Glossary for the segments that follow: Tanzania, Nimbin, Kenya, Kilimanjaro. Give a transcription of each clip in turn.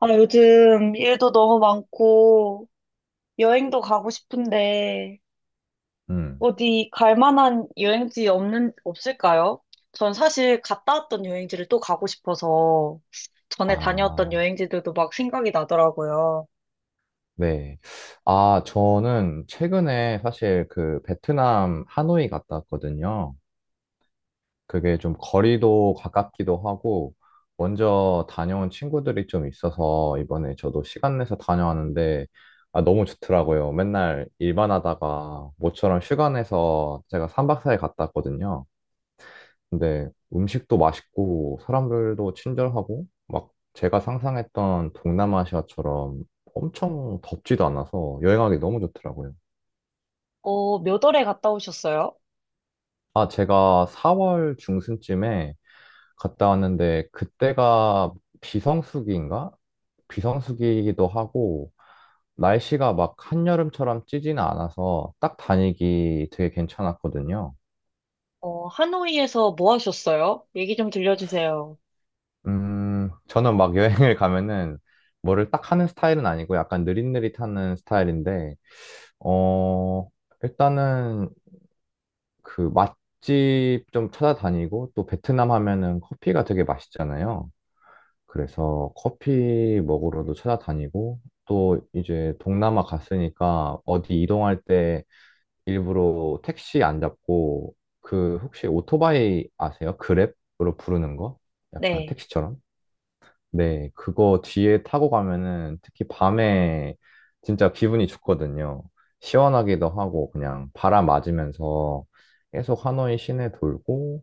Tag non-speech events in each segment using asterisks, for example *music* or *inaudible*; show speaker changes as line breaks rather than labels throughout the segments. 아, 요즘 일도 너무 많고, 여행도 가고 싶은데,
음,
어디 갈 만한 여행지 없을까요? 전 사실 갔다 왔던 여행지를 또 가고 싶어서, 전에 다녀왔던
아,
여행지들도 막 생각이 나더라고요.
네. 아, 저는 최근에 사실 그 베트남 하노이 갔다 왔거든요. 그게 좀 거리도 가깝기도 하고, 먼저 다녀온 친구들이 좀 있어서 이번에 저도 시간 내서 다녀왔는데, 아, 너무 좋더라고요. 맨날 일만 하다가 모처럼 휴가 내서 제가 3박 4일 갔다 왔거든요. 근데 음식도 맛있고 사람들도 친절하고 막 제가 상상했던 동남아시아처럼 엄청 덥지도 않아서 여행하기 너무 좋더라고요.
어, 몇 월에 갔다 오셨어요?
아, 제가 4월 중순쯤에 갔다 왔는데 그때가 비성수기인가? 비성수기이기도 하고 날씨가 막 한여름처럼 찌지는 않아서 딱 다니기 되게 괜찮았거든요.
어, 하노이에서 뭐 하셨어요? 얘기 좀 들려주세요.
저는 막 여행을 가면은 뭐를 딱 하는 스타일은 아니고 약간 느릿느릿하는 스타일인데, 어, 일단은 그 맛집 좀 찾아다니고 또 베트남 하면은 커피가 되게 맛있잖아요. 그래서 커피 먹으러도 찾아다니고 또 이제 동남아 갔으니까 어디 이동할 때 일부러 택시 안 잡고 그 혹시 오토바이 아세요? 그랩으로 부르는 거? 약간
네.
택시처럼? 네, 그거 뒤에 타고 가면은 특히 밤에 진짜 기분이 좋거든요. 시원하기도 하고 그냥 바람 맞으면서 계속 하노이 시내 돌고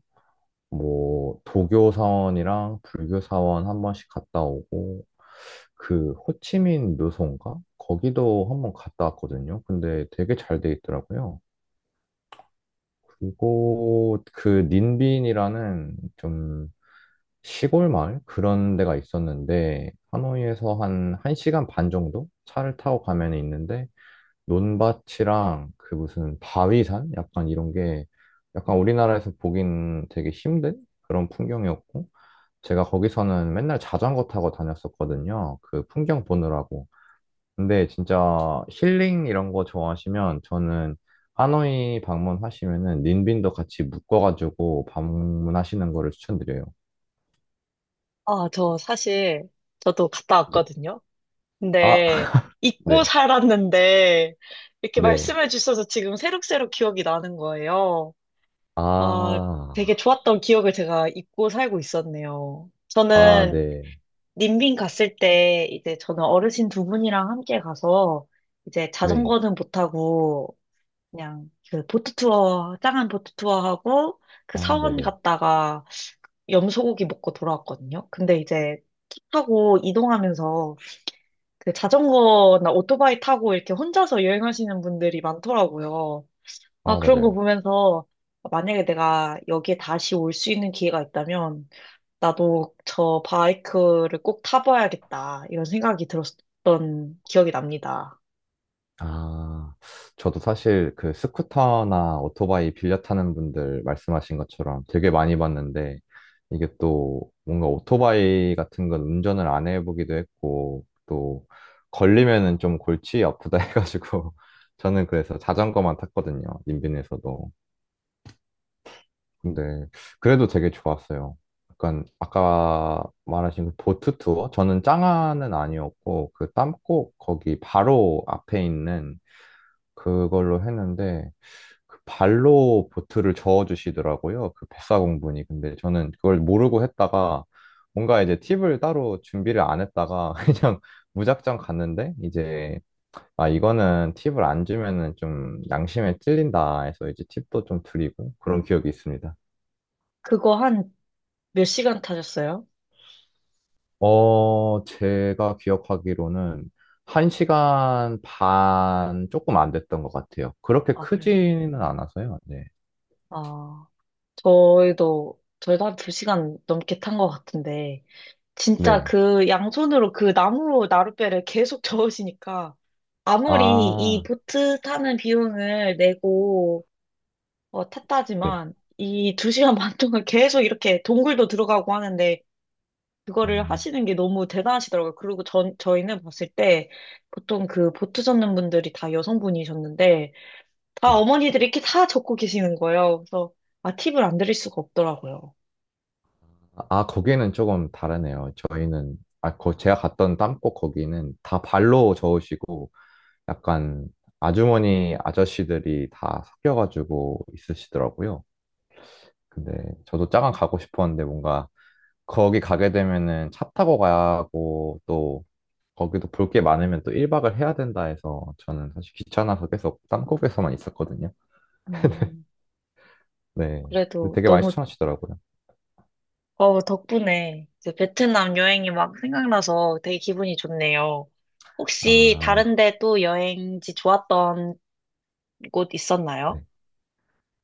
뭐 도교 사원이랑 불교 사원 한 번씩 갔다 오고 그 호치민 묘소인가? 거기도 한 번 갔다 왔거든요. 근데 되게 잘 돼 있더라고요. 그리고 그 닌빈이라는 좀 시골 마을 그런 데가 있었는데 하노이에서 한 1시간 반 정도 차를 타고 가면 있는데 논밭이랑 그 무슨 바위산 약간 이런 게 약간 우리나라에서 보긴 되게 힘든 그런 풍경이었고 제가 거기서는 맨날 자전거 타고 다녔었거든요. 그 풍경 보느라고. 근데 진짜 힐링 이런 거 좋아하시면 저는 하노이 방문하시면은 닌빈도 같이 묶어가지고 방문하시는 거를 추천드려요.
아, 저 사실, 저도 갔다
네.
왔거든요.
아,
네, 잊고
네,
살았는데, 이렇게
네.
말씀해 주셔서 지금 새록새록 기억이 나는 거예요. 아,
아,
되게 좋았던 기억을 제가 잊고 살고 있었네요.
아,
저는
네,
님빈 갔을 때, 이제 저는 어르신 두 분이랑 함께 가서, 이제
네.
자전거는 못 타고, 그냥 그 보트 투어, 짱한 보트 투어 하고, 그
아,
사원
네네.
갔다가 염소고기 먹고 돌아왔거든요. 근데 이제 차 타고 이동하면서 그 자전거나 오토바이 타고 이렇게 혼자서 여행하시는 분들이 많더라고요. 아,
아,
그런 거
맞아요.
보면서 만약에 내가 여기에 다시 올 수 있는 기회가 있다면 나도 저 바이크를 꼭 타봐야겠다. 이런 생각이 들었던 기억이 납니다.
아, 저도 사실 그 스쿠터나 오토바이 빌려 타는 분들 말씀하신 것처럼 되게 많이 봤는데, 이게 또 뭔가 오토바이 같은 건 운전을 안 해보기도 했고, 또 걸리면은 좀 골치 아프다 *laughs* 해가지고, 저는 그래서 자전거만 탔거든요. 인근에서도. 근데 그래도 되게 좋았어요. 약간 아까 말하신 그 보트 투어? 저는 짱아는 아니었고 그 땀꼭 거기 바로 앞에 있는 그걸로 했는데 그 발로 보트를 저어주시더라고요. 그 뱃사공분이. 근데 저는 그걸 모르고 했다가 뭔가 이제 팁을 따로 준비를 안 했다가 *laughs* 그냥 무작정 갔는데 이제 아 이거는 팁을 안 주면은 좀 양심에 찔린다 해서 이제 팁도 좀 드리고 그런 기억이 있습니다.
그거 한 몇 시간 타셨어요?
제가 기억하기로는 한시간반 조금 안 됐던 것 같아요. 그렇게
아, 그래요?
크지는 않아서요. 네.
아, 저희도 한 두 시간 넘게 탄 것 같은데, 진짜
네.
그 양손으로 그 나무 나룻배를 계속 *laughs* 저으시니까, 아무리 이
아,
보트 타는 비용을 내고
네.
탔다지만 이 두 시간 반 동안 계속 이렇게 동굴도 들어가고 하는데 그거를
음,
하시는 게 너무 대단하시더라고요. 그리고 저희는 봤을 때 보통 그 보트 젓는 분들이 다 여성분이셨는데 다
네.
어머니들이 이렇게 다 젓고 계시는 거예요. 그래서 아, 팁을 안 드릴 수가 없더라고요.
아, 거기는 조금 다르네요. 저희는, 제가 갔던 땅꽃 거기는 다 발로 저으시고 약간 아주머니, 아저씨들이 다 섞여가지고 있으시더라고요. 근데 저도 짜강 가고 싶었는데 뭔가 거기 가게 되면은 차 타고 가야 하고 또 거기도 볼 게 많으면 또 1박을 해야 된다 해서 저는 사실 귀찮아서 계속 땅콩에서만 있었거든요.
음,
네. 근데
그래도
되게 많이 추천하시더라고요.
덕분에 이제 베트남 여행이 막 생각나서 되게 기분이 좋네요. 혹시
아,
다른데 또 여행지 좋았던 곳
네.
있었나요?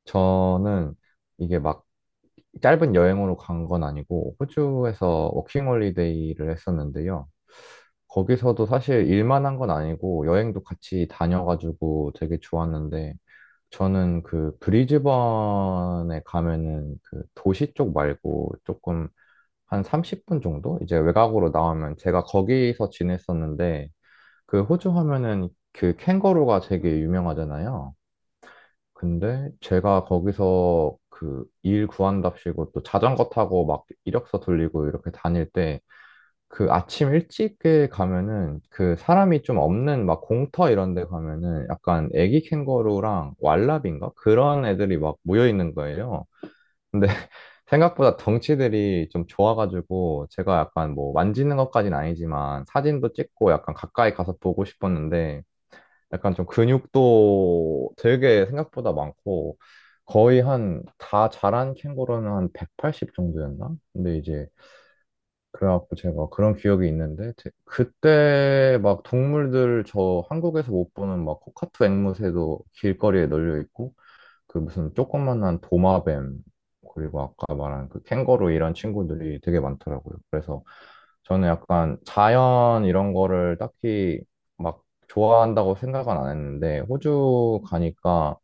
저는 이게 막 짧은 여행으로 간 건 아니고 호주에서 워킹홀리데이를 했었는데요. 거기서도 사실 일만 한 건 아니고 여행도 같이 다녀가지고 되게 좋았는데 저는 그 브리즈번에 가면은 그 도시 쪽 말고 조금 한 30분 정도? 이제 외곽으로 나오면 제가 거기서 지냈었는데 그 호주 하면은 그 캥거루가 되게 유명하잖아요. 근데 제가 거기서 그 일 구한답시고 또 자전거 타고 막 이력서 돌리고 이렇게 다닐 때 그 아침 일찍에 가면은 그 사람이 좀 없는 막 공터 이런 데 가면은 약간 애기 캥거루랑 왈라비인가? 그런 애들이 막 모여 있는 거예요. 근데 *laughs* 생각보다 덩치들이 좀 좋아가지고 제가 약간 뭐 만지는 것까지는 아니지만 사진도 찍고 약간 가까이 가서 보고 싶었는데 약간 좀 근육도 되게 생각보다 많고 거의 한 다 자란 캥거루는 한 180 정도였나? 근데 이제 그래갖고 제가 그런 기억이 있는데 그때 막 동물들 저 한국에서 못 보는 막 코카투 앵무새도 길거리에 널려 있고 그 무슨 조그만한 도마뱀 그리고 아까 말한 그 캥거루 이런 친구들이 되게 많더라고요. 그래서 저는 약간 자연 이런 거를 딱히 막 좋아한다고 생각은 안 했는데 호주 가니까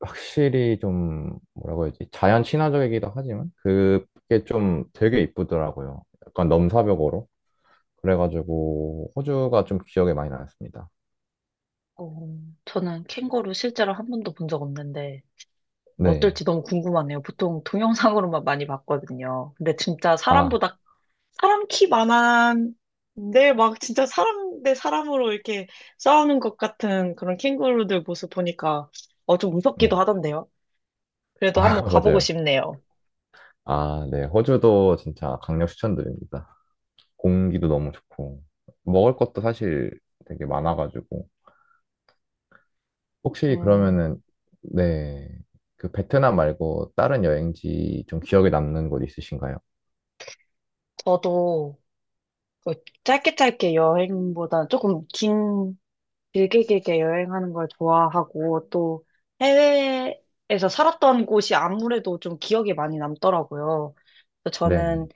확실히 좀 뭐라고 해야지 자연 친화적이기도 하지만 그게 좀 되게 이쁘더라고요. 약간 넘사벽으로 그래가지고 호주가 좀 기억에 많이 남습니다.
어, 저는 캥거루 실제로 한 번도 본 적 없는데
네,
어떨지 너무 궁금하네요. 보통 동영상으로만 *laughs* 많이 봤거든요. 근데 진짜
아,
사람보다 사람 키 많은데 막 진짜 사람 대 사람으로 이렇게 싸우는 것 같은 그런 캥거루들 모습 보니까 좀
네,
무섭기도 하던데요. 그래도
아
한번
*laughs*
가보고
맞아요.
싶네요.
아, 네, 호주도 진짜 강력 추천드립니다. 공기도 너무 좋고 먹을 것도 사실 되게 많아가지고 혹시
음,
그러면은 네, 그 베트남 말고 다른 여행지 좀 기억에 남는 곳 있으신가요?
저도 그 짧게 짧게 여행보다 조금 길게 길게 여행하는 걸 좋아하고 또 해외에서 살았던 곳이 아무래도 좀 기억에 많이 남더라고요. 그래서
네네,
저는,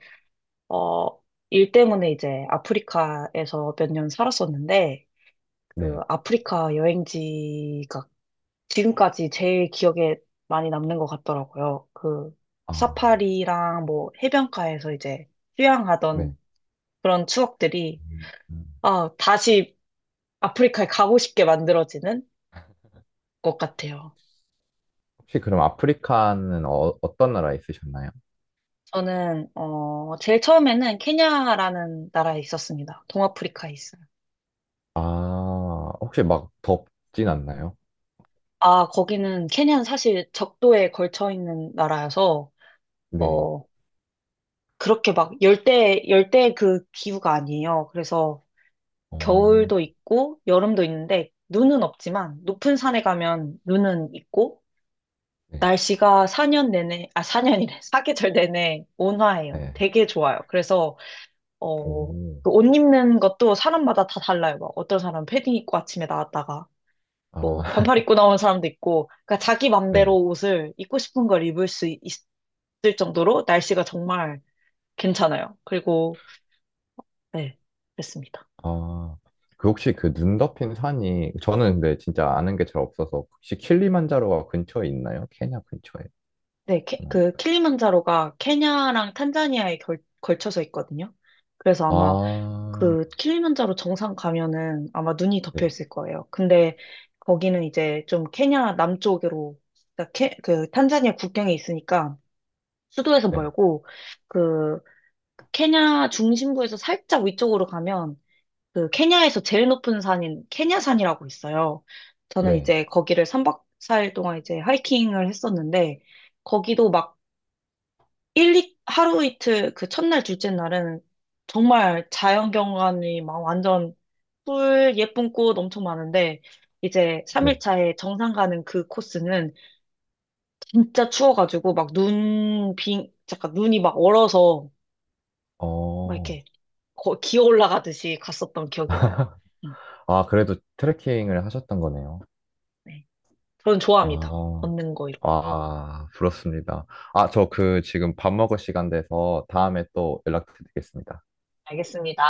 어, 일 때문에 이제 아프리카에서 몇 년 살았었는데 그
네,
아프리카 여행지가 지금까지 제일 기억에 많이 남는 것 같더라고요. 그
아,
사파리랑 뭐 해변가에서 이제
네.
휴양하던 그런 추억들이
음.
다시 아프리카에 가고 싶게 만들어지는 것 같아요.
혹시 그럼 아프리카는 어떤 나라에 있으셨나요?
저는, 제일 처음에는 케냐라는 나라에 있었습니다. 동아프리카에 있어요.
아, 혹시 막 덥진 않나요?
아, 케냐는 사실 적도에 걸쳐 있는 나라여서,
네.
어, 그렇게 막 열대 그 기후가 아니에요. 그래서
어,
겨울도 있고, 여름도 있는데, 눈은 없지만, 높은 산에 가면 눈은 있고,
네.
날씨가 4년 내내, 아, 4년이래. 사계절 *laughs* 내내 온화해요.
네.
되게 좋아요. 그래서, 그
오.
옷 입는 것도 사람마다 다 달라요. 막 어떤 사람 은 패딩 입고 아침에 나왔다가 뭐
아,
반팔
*laughs*
입고 나오는 사람도 있고, 그러니까 자기 맘대로
네.
옷을 입고 싶은 걸 입을 수 있을 정도로 날씨가 정말 괜찮아요. 그리고 네, 그렇습니다.
아, 그 혹시 그 눈 덮인 산이, 저는 근데 진짜 아는 게 잘 없어서, 혹시 킬리만자로가 근처에 있나요? 케냐 근처에.
네,
그건
그
아니-
킬리만자로가 케냐랑 탄자니아에 걸쳐서 있거든요. 그래서 아마
아,
그 킬리만자로 정상 가면은 아마 눈이
네.
덮여 있을 거예요. 근데 거기는 이제 좀 케냐 남쪽으로 그러니까 그 탄자니아 국경에 있으니까 수도에서
네.
멀고 그 케냐 중심부에서 살짝 위쪽으로 가면 그 케냐에서 제일 높은 산인 케냐산이라고 있어요. 저는
네.
이제 거기를 3박 4일 동안 이제 하이킹을 했었는데 거기도 막 일, 이 하루 이틀 그 첫날, 둘째 날은 정말 자연 경관이 막 완전 풀 예쁜 꽃 엄청 많은데 이제
네.
3일 차에 정상 가는 그 코스는 진짜 추워가지고 막 잠깐 눈이 막 얼어서 막
어.
이렇게 기어 올라가듯이 갔었던 기억이 나요. 음,
아, 그래도 트레킹을 하셨던 거네요.
네. 저는 좋아합니다.
아.
걷는 거 이런 거.
아, 부럽습니다. 아, 저 그 지금 밥 먹을 시간 돼서 다음에 또 연락드리겠습니다.
알겠습니다.